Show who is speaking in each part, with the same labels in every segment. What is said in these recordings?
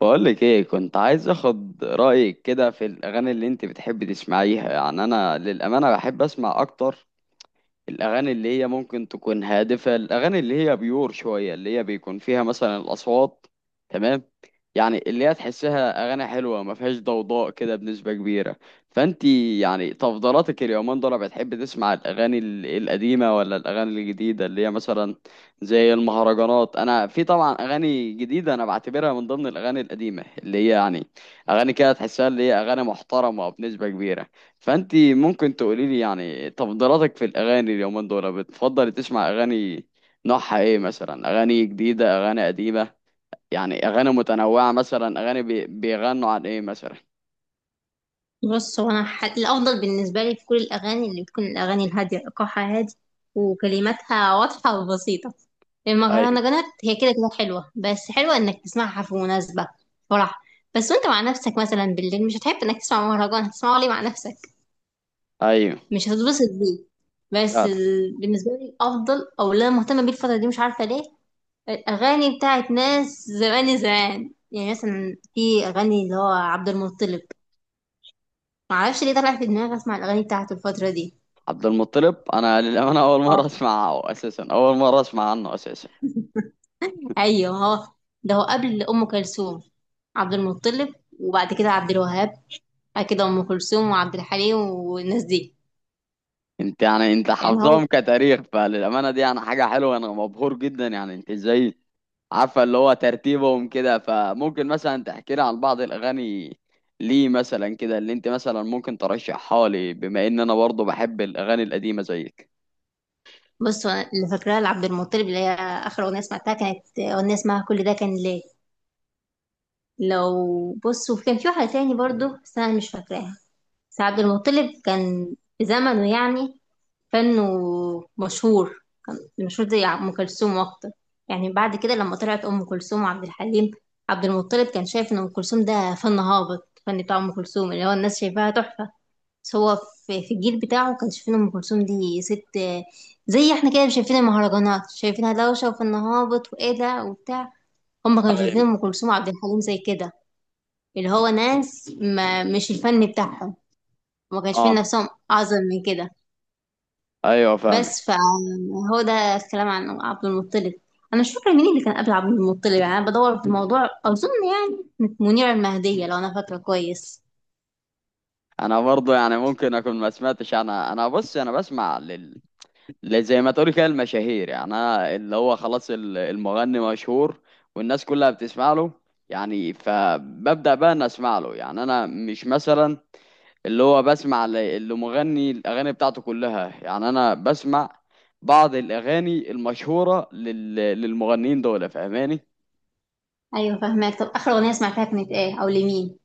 Speaker 1: بقولك ايه، كنت عايز اخد رأيك كده في الاغاني اللي انت بتحبي تسمعيها. يعني انا للأمانة بحب اسمع اكتر الأغاني اللي هي ممكن تكون هادفة، الأغاني اللي هي بيور شوية، اللي هي بيكون فيها مثلا الأصوات. تمام. يعني اللي هي تحسها أغاني حلوة ما فيهاش ضوضاء كده بنسبة كبيرة. فأنت يعني تفضيلاتك اليومين دول بتحب تسمع الأغاني القديمة ولا الأغاني الجديدة اللي هي مثلا زي المهرجانات؟ أنا في طبعا أغاني جديدة أنا بعتبرها من ضمن الأغاني القديمة، اللي هي يعني أغاني كده تحسها اللي هي أغاني محترمة بنسبة كبيرة. فانت ممكن تقولي لي يعني تفضيلاتك في الاغاني اليومين دول؟ بتفضل تسمع اغاني نوعها ايه مثلا؟ اغاني جديده، اغاني قديمه، يعني اغاني متنوعه؟ مثلا اغاني بيغنوا عن ايه مثلا؟
Speaker 2: بص هو انا الافضل بالنسبه لي في كل الاغاني اللي بتكون الاغاني الهاديه ايقاعها هادي، وكلماتها واضحه وبسيطه.
Speaker 1: ايوه.
Speaker 2: المهرجانات هي كده كده حلوه، بس حلوه انك تسمعها في مناسبه فرح. بس وانت مع نفسك مثلا بالليل، مش هتحب انك تسمع مهرجان، هتسمعه ليه مع نفسك؟
Speaker 1: ايوه.
Speaker 2: مش هتتبسط بيه. بس
Speaker 1: فعلا.
Speaker 2: بالنسبه لي الافضل او اللي انا مهتمه بيه الفتره دي، مش عارفه ليه، الاغاني بتاعت ناس زمان زمان، يعني مثلا في اغاني اللي هو عبد المطلب. معرفش ليه طلع في دماغي اسمع الاغاني بتاعته الفتره دي.
Speaker 1: عبد المطلب انا للامانه اول مره
Speaker 2: اه،
Speaker 1: اسمعه اساسا، اول مره اسمع عنه اساسا.
Speaker 2: ايوه، هو ده هو قبل ام كلثوم. عبد المطلب وبعد كده عبد الوهاب، بعد كده ام كلثوم وعبد الحليم والناس دي.
Speaker 1: انت يعني انت
Speaker 2: يعني هو،
Speaker 1: حافظهم كتاريخ، فللامانه دي يعني حاجه حلوه، انا مبهور جدا. يعني انت ازاي عارفه اللي هو ترتيبهم كده؟ فممكن مثلا تحكي لي عن بعض الاغاني ليه مثلا كده اللي انت مثلا ممكن ترشحها لي، بما ان انا برضه بحب الاغاني القديمه زيك.
Speaker 2: بص هو اللي فاكراه لعبد المطلب، اللي هي اخر اغنيه سمعتها كانت اغنيه اسمها كل ده كان ليه. لو بص وكان في واحده تاني برضو بس انا مش فاكراها. بس عبد المطلب كان في زمنه يعني فنه مشهور، كان مشهور زي أم كلثوم أكتر. يعني بعد كده لما طلعت أم كلثوم وعبد الحليم، عبد المطلب كان شايف إن أم كلثوم ده فن هابط، فن بتاع أم كلثوم اللي هو الناس شايفاها تحفة. بس هو في الجيل بتاعه كان شايفين أم كلثوم دي ست، زي احنا كده شايفين المهرجانات شايفينها دوشة وفن هابط وإيه ده وبتاع. هما كانوا شايفين
Speaker 1: ايوه.
Speaker 2: أم كلثوم وعبد الحليم زي كده، اللي هو ناس ما، مش الفن بتاعهم، وما كانش شايفين
Speaker 1: اه.
Speaker 2: نفسهم أعظم من كده.
Speaker 1: ايوه
Speaker 2: بس
Speaker 1: فاهمك.
Speaker 2: فهو ده الكلام عن عبد المطلب. انا مش فاكره مين اللي كان قبل عبد المطلب، يعني انا بدور في الموضوع، اظن يعني كانت منيره المهديه لو انا فاكره كويس.
Speaker 1: انا برضه يعني ممكن اكون ما سمعتش. انا بص، انا بسمع زي ما تقولي كده المشاهير. يعني انا اللي هو خلاص المغني مشهور والناس كلها بتسمع له، يعني فببدأ بقى ان اسمع له. يعني انا مش مثلا اللي هو بسمع اللي مغني الأغاني بتاعته كلها، يعني أنا بسمع بعض الأغاني المشهورة للمغنيين دول. فاهماني؟
Speaker 2: ايوه فاهمك، طب اخر اغنيه سمعتها كانت ايه او لمين؟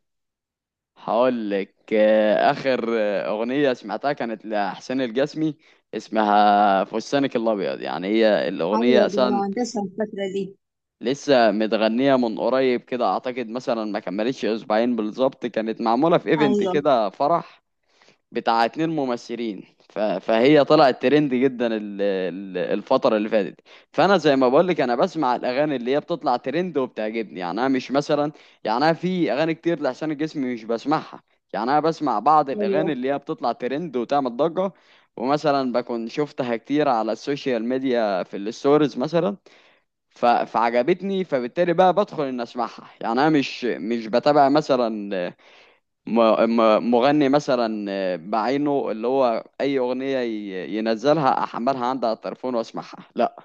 Speaker 1: هقول لك. آخر أغنية سمعتها كانت لحسين الجسمي، اسمها فستانك الأبيض. يعني هي الأغنية
Speaker 2: ايوه دي
Speaker 1: أصلا
Speaker 2: المهندسه الفتره دي.
Speaker 1: لسه متغنية من قريب كده، أعتقد مثلا ما كملتش أسبوعين بالظبط. كانت معمولة في إيفنت
Speaker 2: ايوه.
Speaker 1: كده فرح بتاع اتنين ممثلين. فهي طلعت ترند جدا الفترة اللي فاتت. فأنا زي ما بقولك أنا بسمع الأغاني اللي هي بتطلع ترند وبتعجبني. يعني أنا مش مثلا، يعني أنا في أغاني كتير لحسين الجسمي مش بسمعها. يعني أنا بسمع بعض
Speaker 2: ايوه.
Speaker 1: الأغاني اللي هي بتطلع ترند وتعمل ضجة، ومثلا بكون شفتها كتير على السوشيال ميديا في الستوريز مثلا. فعجبتني فبالتالي بقى بدخل إن أسمعها. يعني أنا مش بتابع مثلا مغني مثلا بعينه، اللي هو اي اغنيه ينزلها احملها عندي على التليفون واسمعها، لا.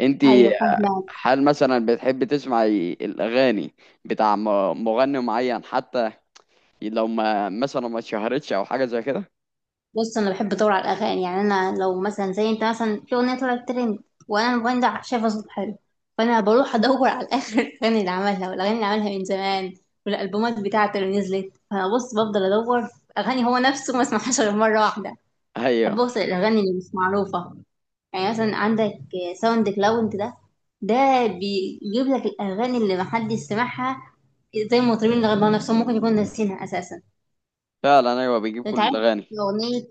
Speaker 1: انت
Speaker 2: ايوه فاهمه.
Speaker 1: هل مثلا بتحب تسمعي الاغاني بتاع مغني معين، حتى لو ما مثلا ما اتشهرتش او حاجه زي كده؟
Speaker 2: بص انا بحب ادور على الاغاني، يعني انا لو مثلا زي انت مثلا في اغنيه طلعت ترند، وانا الموبايل ده شايفه صوت حلو، فانا بروح ادور على اخر الاغاني اللي عملها والاغاني اللي عملها من زمان والالبومات بتاعته اللي نزلت. فانا بص بفضل ادور في اغاني هو نفسه ما اسمعهاش غير مره واحده.
Speaker 1: ايوه.
Speaker 2: بحب اوصل الاغاني اللي مش معروفه. يعني مثلا عندك ساوند كلاود ده، ده بيجيب لك الاغاني اللي محدش سمعها، زي المطربين اللي غنوا نفسهم ممكن يكون ناسينها اساسا.
Speaker 1: فعلا ايوه بيجيب
Speaker 2: انت
Speaker 1: كل
Speaker 2: عارف
Speaker 1: الاغاني.
Speaker 2: اغنيه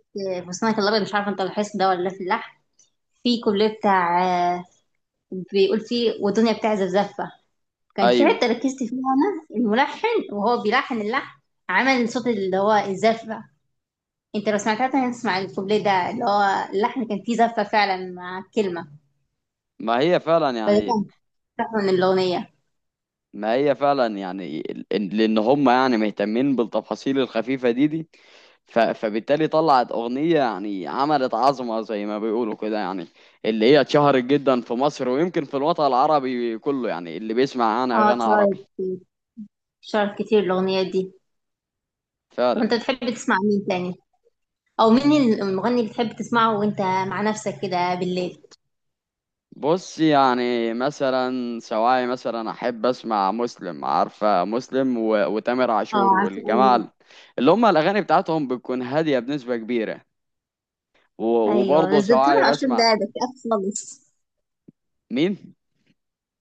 Speaker 2: فستانك الابيض، مش عارفه انت لاحظت ده ولا لا، في اللحن في كوبليه بتاع، آه، بيقول فيه والدنيا بتعزف زفه. كان في
Speaker 1: ايوه.
Speaker 2: حته ركزت فيها انا، الملحن وهو بيلحن اللحن عمل صوت اللي هو الزفه. انت لو سمعتها تاني تسمع الكوبليه ده اللي هو اللحن كان فيه زفه فعلا مع الكلمه.
Speaker 1: ما هي فعلا
Speaker 2: فده
Speaker 1: يعني.
Speaker 2: كان تحفه من الاغنيه.
Speaker 1: ما هي فعلا يعني، لان هم يعني مهتمين بالتفاصيل الخفيفه دي. فبالتالي طلعت أغنية يعني عملت عظمة زي ما بيقولوا كده. يعني اللي هي اتشهرت جدا في مصر ويمكن في الوطن العربي كله، يعني اللي بيسمع عنها
Speaker 2: اه،
Speaker 1: أغاني
Speaker 2: اتشهرت
Speaker 1: عربي.
Speaker 2: كتير، اتشهرت كتير الاغنيه دي. طب
Speaker 1: فعلا.
Speaker 2: انت بتحب تسمع مين تاني؟ او مين المغني اللي بتحب تسمعه وانت مع نفسك كده بالليل؟
Speaker 1: بص، يعني مثلا سواعي مثلا أحب أسمع مسلم، عارفة مسلم وتامر
Speaker 2: اه
Speaker 1: عاشور
Speaker 2: عارفه.
Speaker 1: والجماعة اللي هم الأغاني بتاعتهم بتكون هادية بنسبة كبيرة. و...
Speaker 2: ايوه
Speaker 1: وبرضه
Speaker 2: بس ده
Speaker 1: سواعي
Speaker 2: تامر عاشور، ده
Speaker 1: بسمع.
Speaker 2: ده اكتئاب خالص.
Speaker 1: مين؟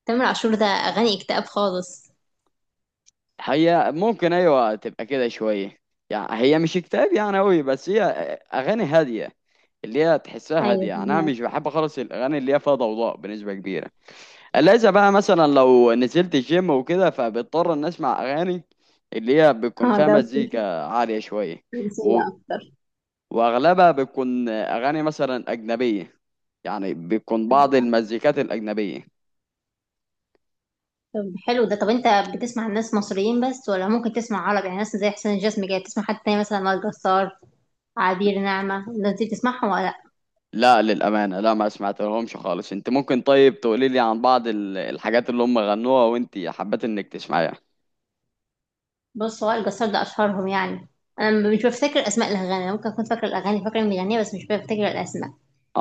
Speaker 2: تامر عاشور ده اغاني اكتئاب خالص.
Speaker 1: هي ممكن ايوه تبقى كده شويه، يعني هي مش اكتئاب يعني قوي، بس هي اغاني هاديه، اللي هي تحسها هاديه.
Speaker 2: ايوه
Speaker 1: يعني انا
Speaker 2: فهمك.
Speaker 1: مش بحب خالص الاغاني اللي هي فيها ضوضاء بنسبه كبيره. الا اذا بقى مثلا لو نزلت الجيم وكده فبضطر ان اسمع اغاني اللي هي بتكون
Speaker 2: اه
Speaker 1: فيها
Speaker 2: ده
Speaker 1: مزيكا عاليه شويه. و...
Speaker 2: رومانسية اكتر.
Speaker 1: واغلبها بتكون اغاني مثلا اجنبيه، يعني بتكون بعض المزيكات الاجنبيه.
Speaker 2: طب حلو ده. طب انت بتسمع الناس مصريين بس ولا ممكن تسمع عربي؟ يعني ناس زي حسين الجسمي كده، تسمع حد تاني مثلا وائل جسار، عبير نعمة، الناس دي بتسمعهم ولا لا؟
Speaker 1: لا للأمانة لا، ما سمعت لهمش خالص. انت ممكن طيب تقولي لي عن بعض الحاجات اللي هم غنوها وانت حبيت انك تسمعيها؟
Speaker 2: بص وائل جسار ده اشهرهم يعني. انا مش بفتكر اسماء الاغاني، انا ممكن اكون فاكره الاغاني، فاكره المغنيه بس مش بفتكر الاسماء.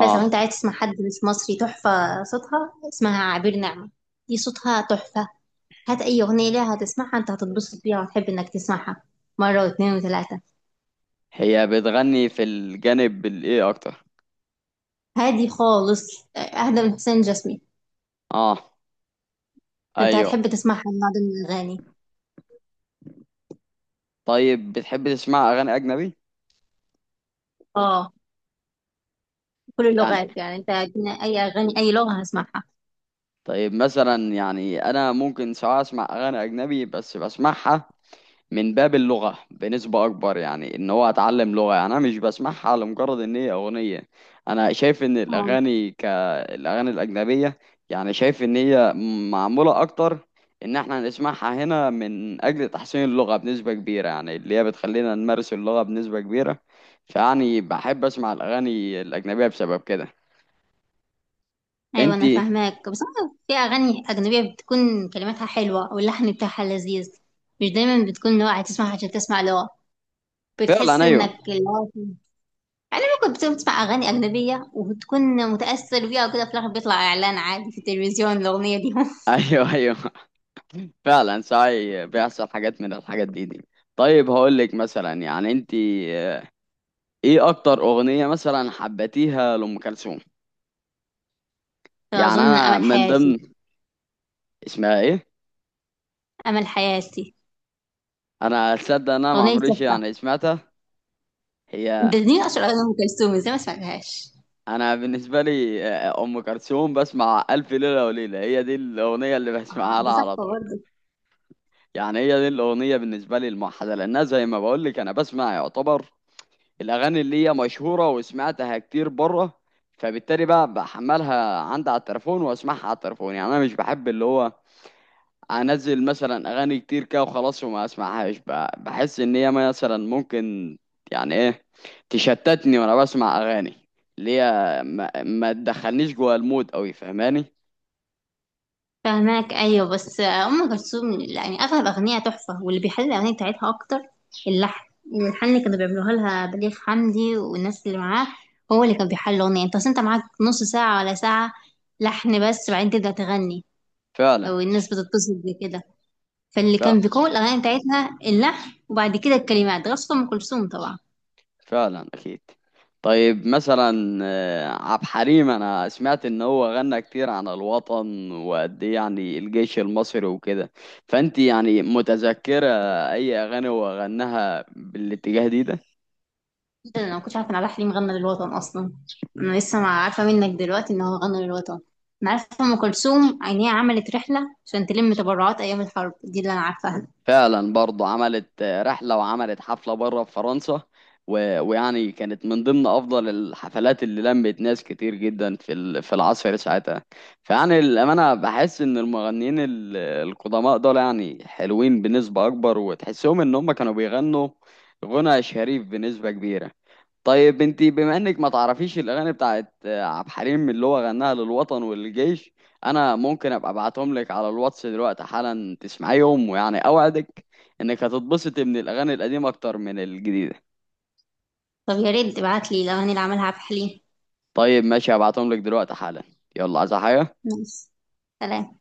Speaker 2: بس لو انت عايز تسمع حد مش مصري تحفه صوتها، اسمها عبير نعمة، دي صوتها تحفة. هات اي اغنيه ليها هتسمعها انت هتتبسط بيها وتحب انك تسمعها مره واثنين وثلاثه.
Speaker 1: هي بتغني في الجانب الايه اكتر؟
Speaker 2: هادي خالص، اهدى من حسين جسمي.
Speaker 1: اه.
Speaker 2: فانت
Speaker 1: ايوه.
Speaker 2: هتحب تسمعها النوع ده من الاغاني.
Speaker 1: طيب بتحب تسمع اغاني اجنبي؟
Speaker 2: اه، كل
Speaker 1: يعني
Speaker 2: اللغات يعني، انت ادينا اي اغاني اي لغه هسمعها.
Speaker 1: طيب مثلا، يعني انا ممكن سواء اسمع اغاني اجنبي بس بسمعها من باب اللغة بنسبة أكبر، يعني إن هو أتعلم لغة. يعني أنا مش بسمعها لمجرد إن هي أغنية. أنا شايف إن
Speaker 2: آه.
Speaker 1: الأغاني كالأغاني الأجنبية، يعني شايف إن هي معمولة أكتر إن إحنا نسمعها هنا من أجل تحسين اللغة بنسبة كبيرة، يعني اللي هي بتخلينا نمارس اللغة بنسبة كبيرة. فيعني بحب أسمع الأغاني الأجنبية بسبب كده.
Speaker 2: ايوه انا
Speaker 1: إنتي.
Speaker 2: فاهماك، بس أنا في اغاني اجنبيه بتكون كلماتها حلوه واللحن بتاعها لذيذ. مش دايما بتكون لغه هتسمعها عشان تسمع لغه، بتحس
Speaker 1: فعلا. أيوه.
Speaker 2: انك اللغة. يعني ممكن بتسمع أغاني أجنبية وبتكون متأثر بيها وكده، في الآخر بيطلع إعلان عادي في التلفزيون الأغنية دي.
Speaker 1: أيوه. أيوه فعلا ساعي بيحصل حاجات من الحاجات دي. طيب هقول لك مثلا، يعني انت ايه اكتر اغنية مثلا حبيتيها لأم كلثوم؟ يعني
Speaker 2: فأظن
Speaker 1: انا
Speaker 2: أمل
Speaker 1: من
Speaker 2: حياتي.
Speaker 1: ضمن. اسمها ايه؟
Speaker 2: أمل حياتي،
Speaker 1: انا اتصدق ان انا ما
Speaker 2: أغنية
Speaker 1: عمريش
Speaker 2: تحفة.
Speaker 1: يعني سمعتها. هي.
Speaker 2: ده دي أشهر أغنية أم كلثوم، إزاي ما سمعتهاش؟
Speaker 1: انا بالنسبة لي ام كلثوم بسمع الف ليلة وليلة، هي دي الاغنية اللي بسمعها
Speaker 2: آه
Speaker 1: لها
Speaker 2: دي
Speaker 1: على
Speaker 2: تحفة
Speaker 1: طول.
Speaker 2: برضه.
Speaker 1: يعني هي دي الاغنية بالنسبة لي الموحدة، لانها زي ما بقول لك انا بسمع يعتبر الاغاني اللي هي مشهورة وسمعتها كتير بره، فبالتالي بقى بحملها عندي على التليفون واسمعها على التليفون. يعني انا مش بحب اللي هو انزل مثلا اغاني كتير كده وخلاص وما اسمعهاش. بحس ان هي مثلا ممكن يعني ايه تشتتني وانا بسمع اغاني اللي هي ما تدخلنيش جوه المود قوي. فاهماني؟
Speaker 2: فهماك. أيوه بس أم كلثوم يعني أغلب أغنية تحفة، واللي بيحل الأغنية بتاعتها أكتر اللحن. الحن اللي كانوا بيعملوها لها بليغ حمدي والناس اللي معاه، هو اللي كان بيحل الأغنية. أنت أصل أنت معاك نص ساعة ولا ساعة لحن بس، بعدين تبدأ تغني،
Speaker 1: فعلا.
Speaker 2: والناس بتتبسط بكده. فاللي
Speaker 1: فعلا,
Speaker 2: كان بيقوي الاغاني بتاعتها اللحن، وبعد كده الكلمات، غصب ام كلثوم طبعا.
Speaker 1: فعلا اكيد. طيب مثلا عبد الحليم انا سمعت ان هو غنى كتير عن الوطن وقد ايه يعني الجيش المصري وكده. فانت يعني متذكرة اي اغاني هو غناها بالاتجاه ده؟
Speaker 2: ده انا ما كنتش عارفه ان عبد الحليم غنى للوطن اصلا. انا لسه ما عارفه منك دلوقتي ان هو غنى للوطن. انا عارفه ام كلثوم ان هي عملت رحله عشان تلم تبرعات ايام الحرب، دي اللي انا عارفاها.
Speaker 1: فعلا، برضه عملت رحلة وعملت حفلة بره في فرنسا. ويعني كانت من ضمن أفضل الحفلات اللي لمت ناس كتير جدا في العصر ساعتها. فيعني الأمانة بحس إن المغنيين القدماء دول يعني حلوين بنسبة أكبر، وتحسهم إن هم كانوا بيغنوا غنى شريف بنسبة كبيرة. طيب انتي بما انك ما تعرفيش الاغاني بتاعت عبد الحليم اللي هو غناها للوطن والجيش، انا ممكن ابقى ابعتهم لك على الواتس دلوقتي حالا تسمعيهم. ويعني اوعدك انك هتتبسطي من الاغاني القديمه اكتر من الجديده.
Speaker 2: طب يا ريت تبعت لي الاغاني اللي عملها عبد الحليم.
Speaker 1: طيب ماشي، هبعتهم لك دلوقتي حالا. يلا عايز حاجه؟
Speaker 2: ماشي. سلام.